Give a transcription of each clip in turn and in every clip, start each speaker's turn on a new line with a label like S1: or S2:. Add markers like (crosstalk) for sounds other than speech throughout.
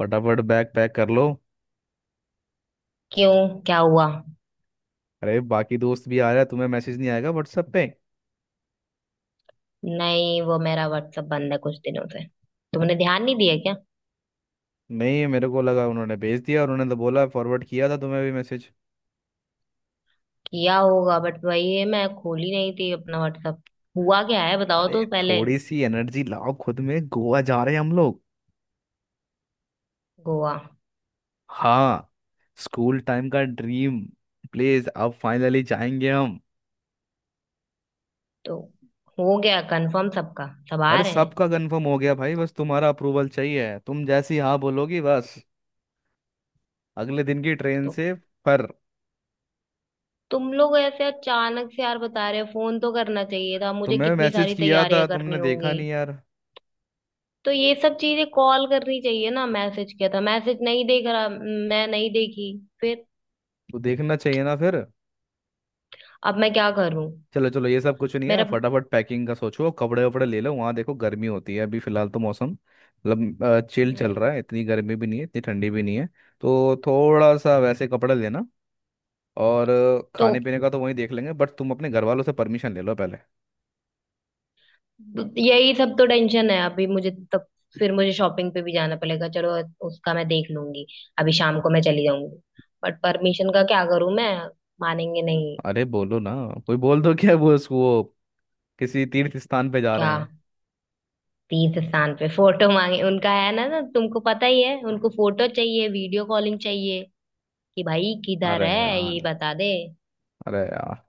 S1: फटाफट bag pack कर लो।
S2: क्यों? क्या हुआ?
S1: अरे बाकी दोस्त भी आ रहा है, तुम्हें मैसेज नहीं आएगा व्हाट्सएप पे।
S2: नहीं, वो मेरा व्हाट्सएप बंद है कुछ दिनों से। तुमने ध्यान नहीं दिया क्या?
S1: नहीं, मेरे को लगा उन्होंने भेज दिया और उन्होंने तो बोला फॉरवर्ड किया था तुम्हें भी मैसेज।
S2: किया होगा बट वही है, मैं खोली नहीं थी अपना व्हाट्सएप। हुआ क्या है बताओ
S1: अरे
S2: तो पहले।
S1: थोड़ी सी एनर्जी लाओ खुद में, गोवा जा रहे हैं हम लोग।
S2: गोवा?
S1: हाँ। स्कूल टाइम का ड्रीम। प्लीज अब फाइनली जाएंगे हम।
S2: तो हो गया कंफर्म? सबका सब आ
S1: अरे
S2: रहे हैं?
S1: सबका कंफर्म हो गया भाई, बस तुम्हारा अप्रूवल चाहिए, तुम जैसी हाँ बोलोगी बस। अगले दिन की ट्रेन
S2: तो
S1: से। पर।
S2: तुम लोग ऐसे अचानक से यार बता रहे हो, फोन तो करना चाहिए था मुझे,
S1: तुम्हें
S2: कितनी
S1: मैसेज
S2: सारी
S1: किया था,
S2: तैयारियां करनी
S1: तुमने देखा
S2: होंगी।
S1: नहीं यार।
S2: तो ये सब चीजें कॉल करनी चाहिए ना, मैसेज किया था, मैसेज नहीं देख रहा मैं, नहीं देखी। फिर?
S1: तो देखना चाहिए ना फिर।
S2: अब मैं क्या करूं?
S1: चलो चलो ये सब कुछ नहीं है,
S2: मेरा।
S1: फटाफट पैकिंग का सोचो, कपड़े वपड़े ले लो, वहाँ देखो गर्मी होती है, अभी फिलहाल तो मौसम मतलब चिल चल रहा
S2: हम्म।
S1: है, इतनी गर्मी भी नहीं है, इतनी ठंडी भी नहीं है। तो थोड़ा सा वैसे कपड़े लेना। और
S2: तो
S1: खाने पीने का तो वहीं देख लेंगे, बट तुम अपने घर वालों से परमिशन ले लो पहले।
S2: यही सब तो टेंशन है अभी मुझे, तब। फिर मुझे शॉपिंग पे भी जाना पड़ेगा, चलो। उसका मैं देख लूंगी। अभी शाम को मैं चली जाऊंगी। बट परमिशन का क्या करूं मैं? मानेंगे नहीं।
S1: अरे बोलो ना। कोई बोल दो, क्या वो किसी तीर्थ स्थान पे जा रहे
S2: क्या?
S1: हैं।
S2: तीर्थ स्थान पे फोटो मांगे उनका, है ना? ना, तुमको पता ही है, उनको फोटो चाहिए, वीडियो कॉलिंग चाहिए। कि भाई किधर
S1: अरे
S2: है ये,
S1: यार।
S2: बता दे।
S1: अरे यार।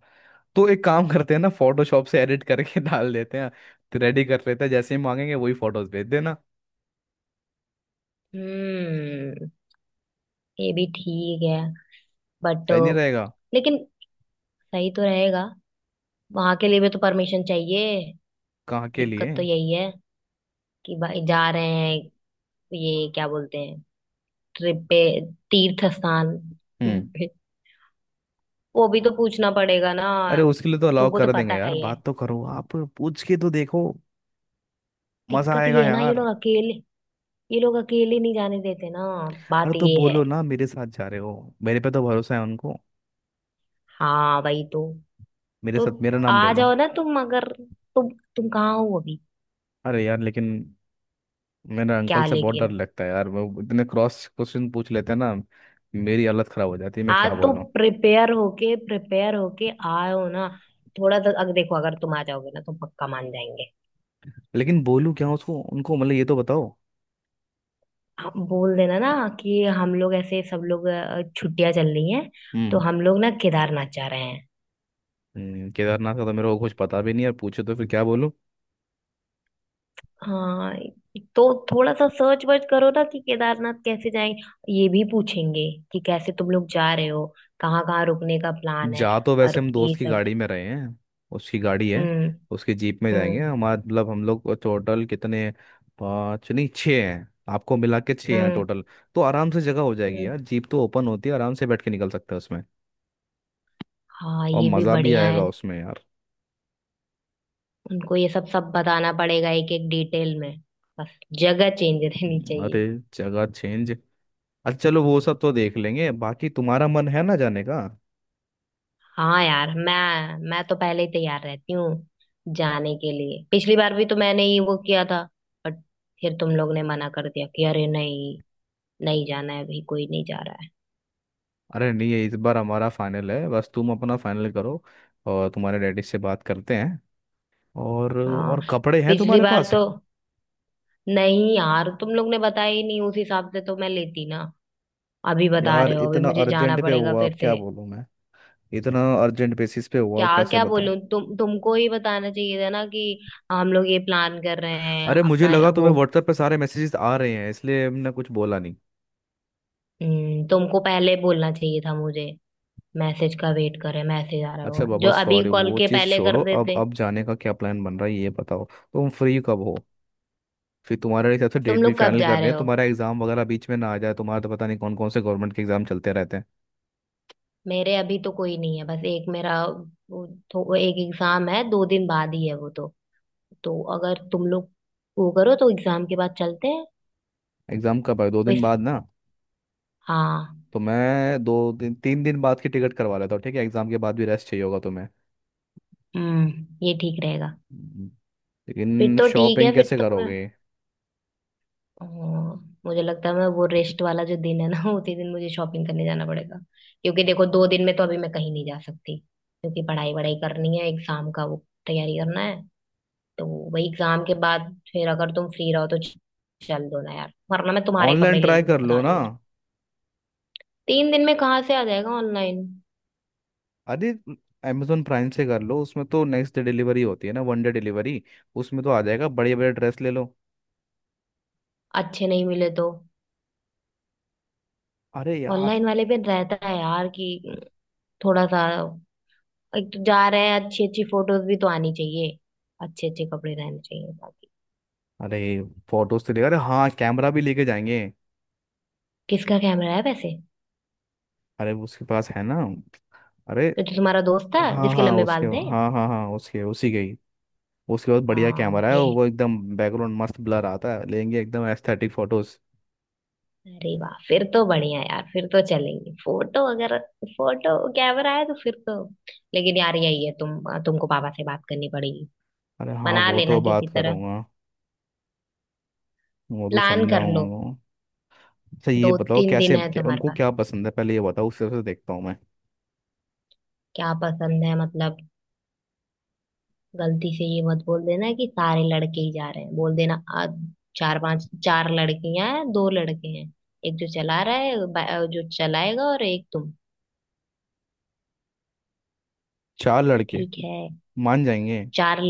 S1: तो एक काम करते हैं ना, फोटोशॉप से एडिट करके (laughs) डाल देते हैं। रेडी कर लेते हैं, जैसे ही मांगेंगे वही फोटोज भेज देना।
S2: हम्म। ये भी ठीक है। बट।
S1: सही नहीं रहेगा।
S2: लेकिन सही तो रहेगा। वहां के लिए भी तो परमिशन चाहिए।
S1: कहाँ के
S2: दिक्कत
S1: लिए।
S2: तो यही है कि भाई जा रहे हैं, ये क्या बोलते हैं, ट्रिप पे, तीर्थ स्थान
S1: हम्म।
S2: पे, वो भी तो पूछना पड़ेगा ना।
S1: अरे उसके लिए तो अलाउ
S2: तुमको तो
S1: कर देंगे
S2: पता
S1: यार,
S2: ही है।
S1: बात तो करो, आप पूछ के तो देखो। मजा
S2: दिक्कत
S1: आएगा
S2: ये है ना, ये
S1: यार।
S2: लोग अकेले। ये लोग अकेले नहीं जाने देते ना। बात
S1: अरे तो
S2: ये है।
S1: बोलो ना, मेरे साथ जा रहे हो। मेरे पे तो भरोसा है उनको।
S2: हाँ भाई तो।
S1: मेरे
S2: तो
S1: साथ मेरा नाम ले
S2: आ
S1: लो।
S2: जाओ ना तुम, अगर। तुम तुम कहाँ हो अभी?
S1: अरे यार, लेकिन मेरा अंकल
S2: क्या
S1: से बहुत डर
S2: लेकिन।
S1: लगता है यार, वो इतने क्रॉस क्वेश्चन पूछ लेते हैं ना। मेरी हालत खराब हो जाती है, मैं
S2: हाँ,
S1: क्या
S2: तो
S1: बोलूं।
S2: प्रिपेयर होके आओ ना। थोड़ा तो, अगर देखो, अगर तुम आ जाओगे ना तो पक्का मान जाएंगे।
S1: लेकिन बोलूं क्या उसको, उनको मतलब, ये तो बताओ।
S2: हाँ, बोल देना ना कि हम लोग ऐसे, सब लोग छुट्टियां चल रही हैं। तो
S1: हम्म।
S2: हम लोग ना केदारनाथ जा रहे हैं।
S1: केदारनाथ का तो मेरे को कुछ पता भी नहीं है, पूछे तो फिर क्या बोलूं।
S2: हाँ, तो थोड़ा सा सर्च वर्च करो ना कि केदारनाथ कैसे जाएं। ये भी पूछेंगे कि कैसे तुम लोग जा रहे हो, कहाँ कहाँ रुकने का प्लान है,
S1: जा तो वैसे
S2: और
S1: हम दोस्त
S2: ये
S1: की
S2: सब।
S1: गाड़ी में रहे हैं। उसकी गाड़ी है।
S2: हम्म।
S1: उसकी जीप में जाएंगे,
S2: हम्म।
S1: हमारा मतलब हम लोग टोटल कितने, पाँच नहीं छः हैं। आपको मिला के छः हैं
S2: हम्म।
S1: टोटल। तो आराम से जगह हो जाएगी
S2: हम्म।
S1: यार, जीप तो ओपन होती है, आराम से बैठ के निकल सकते हैं उसमें।
S2: हाँ,
S1: और
S2: ये भी
S1: मज़ा भी
S2: बढ़िया है।
S1: आएगा उसमें यार।
S2: उनको ये सब सब बताना पड़ेगा एक एक डिटेल में। बस जगह चेंज रहनी
S1: अरे।
S2: चाहिए।
S1: जगह चेंज। अच्छा चलो, वो सब तो देख लेंगे, बाकी तुम्हारा मन है ना जाने का।
S2: हाँ यार, मैं तो पहले ही तैयार रहती हूँ जाने के लिए। पिछली बार भी तो मैंने ही वो किया था। बट। फिर तुम लोग ने मना कर दिया कि अरे नहीं, नहीं जाना है अभी, कोई नहीं जा रहा है।
S1: अरे नहीं, ये इस बार हमारा फाइनल है, बस तुम अपना फाइनल करो। और तुम्हारे डैडी से बात करते हैं। और
S2: हाँ।
S1: और कपड़े हैं
S2: पिछली
S1: तुम्हारे
S2: बार
S1: पास।
S2: तो, नहीं यार तुम लोग ने बताया ही नहीं, उस हिसाब से तो मैं लेती ना। अभी बता
S1: यार
S2: रहे हो, अभी
S1: इतना
S2: मुझे जाना
S1: अर्जेंट पे
S2: पड़ेगा
S1: हुआ, अब
S2: फिर
S1: क्या
S2: से।
S1: बोलूं मैं। इतना अर्जेंट बेसिस पे हुआ
S2: क्या
S1: कैसे
S2: क्या
S1: बताऊं।
S2: बोलूं? तुमको ही बताना चाहिए था ना कि हम लोग ये प्लान कर रहे हैं
S1: अरे मुझे
S2: अपना
S1: लगा तुम्हें
S2: वो।
S1: व्हाट्सएप पे सारे मैसेजेस आ रहे हैं, इसलिए हमने कुछ बोला नहीं।
S2: तुमको पहले बोलना चाहिए था मुझे। मैसेज का वेट कर रहे, मैसेज आ रहा
S1: अच्छा
S2: होगा
S1: बाबा
S2: जो, अभी
S1: सॉरी,
S2: कॉल
S1: वो
S2: के
S1: चीज़
S2: पहले
S1: छोड़ो,
S2: कर
S1: अब
S2: देते।
S1: अब जाने का क्या प्लान बन रहा है ये बताओ। तुम फ्री कब हो। फिर तुम्हारे हिसाब से
S2: तुम
S1: डेट भी
S2: लोग कब
S1: फाइनल
S2: जा
S1: करनी
S2: रहे
S1: है,
S2: हो?
S1: तुम्हारा एग्जाम वगैरह बीच में ना आ जाए, तुम्हारा तो पता नहीं कौन कौन से गवर्नमेंट के एग्जाम चलते रहते हैं।
S2: मेरे अभी तो कोई नहीं है, बस एक मेरा वो तो, वो एक एग्जाम है, दो दिन बाद ही है वो तो। तो अगर तुम लोग वो करो तो एग्जाम के बाद चलते हैं।
S1: एग्जाम कब है, 2 दिन
S2: बस।
S1: बाद ना।
S2: हाँ।
S1: तो मैं 2 दिन 3 दिन बाद की टिकट करवा लेता हूँ, ठीक है एग्जाम के बाद भी रेस्ट चाहिए होगा तुम्हें।
S2: हम्म, ये ठीक रहेगा।
S1: हम्म।
S2: फिर
S1: लेकिन
S2: तो ठीक
S1: शॉपिंग
S2: है, फिर
S1: कैसे
S2: तो मैं।
S1: करोगे।
S2: हाँ, मुझे लगता है मैं वो रेस्ट वाला जो दिन है ना (laughs) उसी दिन मुझे शॉपिंग करने जाना पड़ेगा। क्योंकि देखो, दो दिन में तो अभी मैं कहीं नहीं जा सकती क्योंकि पढ़ाई वढ़ाई करनी है, एग्जाम का वो तैयारी करना है। तो वही एग्जाम के बाद। फिर अगर तुम फ्री रहो तो चल दो ना यार, वरना मैं तुम्हारे
S1: ऑनलाइन
S2: कपड़े ले
S1: ट्राई
S2: लूंगी,
S1: कर लो
S2: बता रही
S1: ना।
S2: हूँ मैं। तीन दिन में कहाँ से आ जाएगा ऑनलाइन?
S1: अरे अमेजोन प्राइम से कर लो, उसमें तो नेक्स्ट डे डिलीवरी होती है ना, वन डे डिलीवरी। उसमें तो आ जाएगा, बड़े बड़े ड्रेस ले लो।
S2: अच्छे नहीं मिले तो?
S1: अरे यार।
S2: ऑनलाइन वाले पे रहता है यार कि थोड़ा सा, एक तो जा रहे हैं, अच्छी अच्छी फोटोज भी तो आनी चाहिए। अच्छे अच्छे कपड़े रहने चाहिए बाकी।
S1: अरे फोटोज तो ले, अरे हाँ कैमरा भी लेके जाएंगे।
S2: किसका कैमरा है वैसे?
S1: अरे उसके पास है ना। अरे
S2: तो जो तुम्हारा दोस्त था
S1: हाँ
S2: जिसके
S1: हाँ
S2: लंबे
S1: उसके,
S2: बाल थे?
S1: हाँ हाँ हाँ, उसके उसी के ही। उसके बाद बढ़िया
S2: हाँ
S1: कैमरा है,
S2: ये,
S1: वो एकदम बैकग्राउंड मस्त ब्लर आता है, लेंगे एकदम एस्थेटिक फोटोज।
S2: अरे वाह, फिर तो बढ़िया यार, फिर तो चलेंगे। फोटो अगर, फोटो कैमरा है तो फिर तो। लेकिन यार यही है, तुमको पापा से बात करनी पड़ेगी।
S1: अरे हाँ,
S2: मना
S1: वो
S2: लेना
S1: तो
S2: किसी
S1: बात
S2: तरह।
S1: करूंगा। वो तो
S2: प्लान कर
S1: समझाऊंगा
S2: लो।
S1: उनको। अच्छा ये
S2: दो
S1: बताओ
S2: तीन दिन
S1: कैसे,
S2: है
S1: क्या,
S2: तुम्हारे
S1: उनको
S2: पास।
S1: क्या पसंद है पहले ये बताओ, उस हिसाब से देखता हूँ।
S2: क्या पसंद है मतलब? गलती से ये मत बोल देना कि सारे लड़के ही जा रहे हैं, बोल देना चार पांच, चार लड़कियां हैं, दो लड़के हैं। एक जो चला रहा है जो चलाएगा, और एक तुम।
S1: चार लड़के।
S2: ठीक है।
S1: मान जाएंगे।
S2: चार,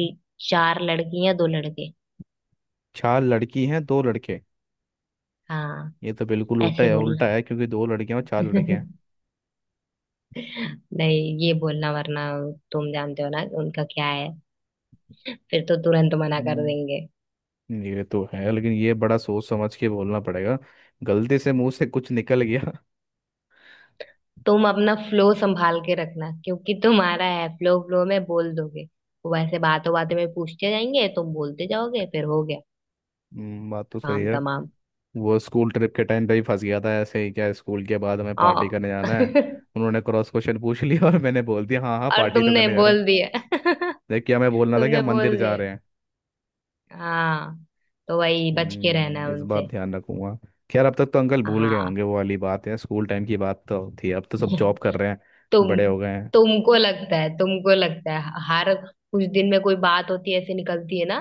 S2: चार लड़कियां दो लड़के।
S1: चार लड़की हैं, दो लड़के।
S2: हाँ।
S1: ये तो बिल्कुल उल्टा
S2: ऐसे
S1: है, उल्टा
S2: बोलना।
S1: है क्योंकि दो लड़कियां और चार लड़के हैं।
S2: (laughs) नहीं, ये बोलना वरना, तुम जानते हो ना उनका क्या है, फिर तो तुरंत मना कर
S1: हम्म,
S2: देंगे।
S1: ये तो है, लेकिन ये बड़ा सोच समझ के बोलना पड़ेगा। गलती से मुंह से कुछ निकल गया।
S2: तुम अपना फ्लो संभाल के रखना क्योंकि तुम्हारा है फ्लो, फ्लो में बोल दोगे। वो वैसे बातों बातों में पूछते जाएंगे, तुम बोलते जाओगे, फिर हो गया।
S1: बात तो सही
S2: काम
S1: है।
S2: तमाम।
S1: वो स्कूल ट्रिप के टाइम पे ही फंस गया था, ऐसे ही, क्या, स्कूल के बाद हमें
S2: आ
S1: पार्टी करने जाना
S2: (laughs)
S1: है। उन्होंने क्रॉस क्वेश्चन पूछ लिया और मैंने बोल दिया हाँ हाँ,
S2: और
S1: पार्टी तो
S2: तुमने
S1: करने जा रहे हैं।
S2: बोल दिया (laughs)
S1: जबकि हमें बोलना था कि
S2: तुमने
S1: हम मंदिर
S2: बोल
S1: जा
S2: दिया।
S1: रहे हैं।
S2: हाँ। तो वही बच के रहना
S1: नहीं,
S2: है
S1: इस बार
S2: उनसे।
S1: ध्यान रखूंगा। खैर अब तक तो अंकल भूल गए
S2: हाँ।
S1: होंगे, वो वाली बात है, स्कूल टाइम की बात तो थी, अब तो सब जॉब कर रहे हैं।
S2: तुम
S1: बड़े हो गए हैं।
S2: तुमको लगता है हर कुछ दिन में, कोई बात होती है ऐसे, निकलती है ना।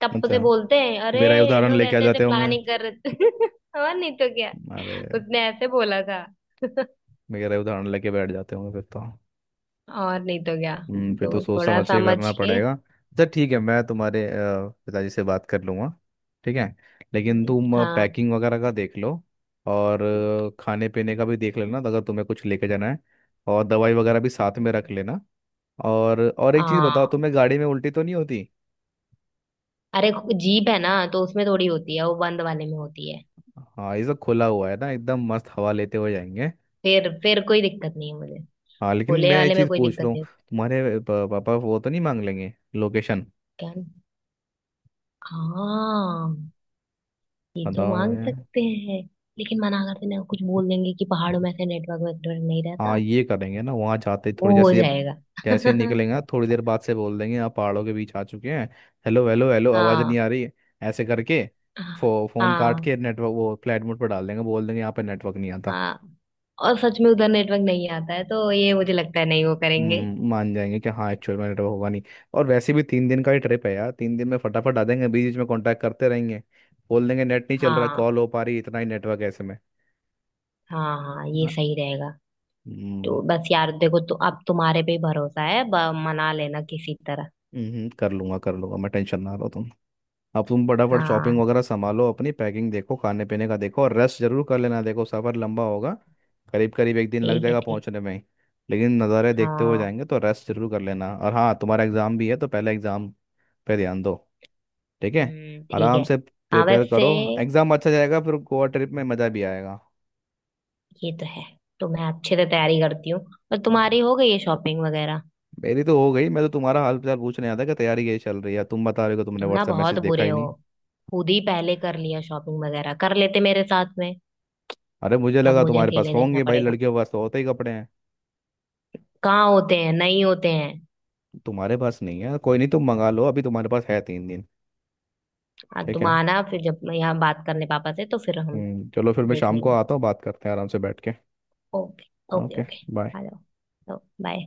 S2: तब
S1: अच्छा।
S2: से बोलते हैं, अरे
S1: मेरा ही
S2: ये
S1: उदाहरण
S2: लोग
S1: लेके आ
S2: ऐसे ऐसे
S1: जाते होंगे।
S2: प्लानिंग कर रहे थे। (laughs) और नहीं तो क्या।
S1: अरे।
S2: उसने ऐसे बोला था।
S1: मेरा ही उदाहरण लेके बैठ जाते होंगे फिर तो।
S2: और नहीं तो क्या।
S1: फिर तो
S2: तो
S1: सोच
S2: थोड़ा
S1: समझ के
S2: समझ
S1: करना
S2: के।
S1: पड़ेगा। अच्छा ठीक है, मैं तुम्हारे पिताजी से बात कर लूँगा। ठीक है। लेकिन
S2: हम्म,
S1: तुम
S2: हाँ।
S1: पैकिंग वगैरह का देख लो। और खाने पीने का भी देख लेना अगर तुम्हें कुछ लेके जाना है। और दवाई वगैरह भी साथ में रख
S2: हम्म,
S1: लेना। और एक चीज बताओ,
S2: हाँ।
S1: तुम्हें गाड़ी में उल्टी तो नहीं होती।
S2: अरे जीप है ना तो उसमें थोड़ी होती है, वो बंद वाले में होती है।
S1: हाँ ये सब खुला हुआ है ना, एकदम मस्त हवा लेते हुए जाएंगे।
S2: फिर कोई दिक्कत नहीं है मुझे।
S1: हाँ, लेकिन
S2: खुले
S1: मैं ये
S2: वाले में
S1: चीज
S2: कोई
S1: पूछ रहा
S2: दिक्कत
S1: हूँ
S2: नहीं।
S1: तुम्हारे पापा वो तो नहीं मांग लेंगे लोकेशन।
S2: क्या? हाँ, ये तो
S1: बताओ
S2: मांग
S1: ये-
S2: सकते हैं। लेकिन मना कर देना, कुछ बोल देंगे कि पहाड़ों में ऐसे नेटवर्क वेटवर्क नहीं
S1: हाँ
S2: रहता।
S1: ये करेंगे ना वहाँ जाते ही,
S2: वो
S1: थोड़ी
S2: हो जाएगा।
S1: जैसे ही
S2: (laughs)
S1: निकलेंगे ना, थोड़ी देर बाद से बोल देंगे आप पहाड़ों के बीच आ चुके हैं। हेलो हेलो हेलो, आवाज़ नहीं
S2: हाँ,
S1: आ रही है। ऐसे करके। फोन काट
S2: हाँ,
S1: के नेटवर्क वो फ्लाइट मोड पर डाल देंगे, बोल देंगे यहाँ पे नेटवर्क नहीं आता।
S2: हाँ, और सच में उधर नेटवर्क नहीं आता है तो ये, मुझे लगता है नहीं वो करेंगे।
S1: मान जाएंगे कि हाँ एक्चुअल में नेटवर्क होगा नहीं। और वैसे भी 3 दिन का ही ट्रिप है यार, 3 दिन में फटाफट आ जाएंगे, बीच बीच में कांटेक्ट करते रहेंगे। बोल देंगे नेट नहीं चल रहा,
S2: हाँ,
S1: कॉल हो पा रही, इतना ही नेटवर्क ऐसे में।
S2: हाँ, हाँ, ये
S1: हाँ।
S2: सही रहेगा। तो
S1: हम्म।
S2: बस यार देखो तो, अब तुम्हारे पे ही भरोसा है, मना लेना किसी तरह।
S1: कर लूंगा मैं, टेंशन ना लो तुम। अब तुम फटाफट शॉपिंग
S2: हाँ,
S1: वगैरह संभालो, अपनी पैकिंग देखो, खाने पीने का देखो और रेस्ट जरूर कर लेना, देखो सफ़र लंबा होगा। करीब करीब एक दिन लग
S2: ठीक है,
S1: जाएगा
S2: ठीक।
S1: पहुंचने में ही। लेकिन नज़ारे देखते हुए
S2: हाँ।
S1: जाएंगे तो रेस्ट जरूर कर लेना। और हाँ, तुम्हारा एग्ज़ाम भी है तो पहले एग्ज़ाम पे ध्यान दो। ठीक है।
S2: हम्म, ठीक
S1: आराम
S2: है।
S1: से
S2: हाँ,
S1: प्रिपेयर
S2: वैसे।
S1: करो। एग्जाम अच्छा जाएगा फिर गोवा ट्रिप में मज़ा भी आएगा।
S2: ये तो है। तो मैं अच्छे से तैयारी करती हूँ। पर
S1: हाँ।
S2: तुम्हारी हो गई है शॉपिंग वगैरह?
S1: मेरी तो हो गई, मैं तो तुम्हारा हाल फिलहाल पूछने आया था कि तैयारी कैसी चल रही है, तुम बता रहे हो कि तुमने
S2: तुम ना
S1: व्हाट्सएप मैसेज
S2: बहुत
S1: देखा
S2: बुरे
S1: ही
S2: हो,
S1: नहीं।
S2: खुद ही पहले कर लिया, शॉपिंग वगैरह कर लेते मेरे साथ में।
S1: अरे मुझे
S2: तब
S1: लगा
S2: मुझे
S1: तुम्हारे पास
S2: अकेले देखना
S1: होंगे भाई,
S2: पड़ेगा।
S1: लड़कियों के पास तो होते ही कपड़े हैं।
S2: कहाँ होते हैं, नहीं होते हैं।
S1: तुम्हारे पास नहीं है, कोई नहीं, तुम मंगा लो, अभी तुम्हारे पास है 3 दिन। ठीक
S2: तुम
S1: है।
S2: आना फिर, जब मैं यहाँ बात करने पापा से, तो फिर हम
S1: चलो फिर मैं
S2: देख
S1: शाम को
S2: लेंगे।
S1: आता हूँ, बात करते हैं आराम से बैठ के।
S2: Okay. Okay,
S1: okay.
S2: Okay.
S1: Bye.
S2: आ जाओ, बाय।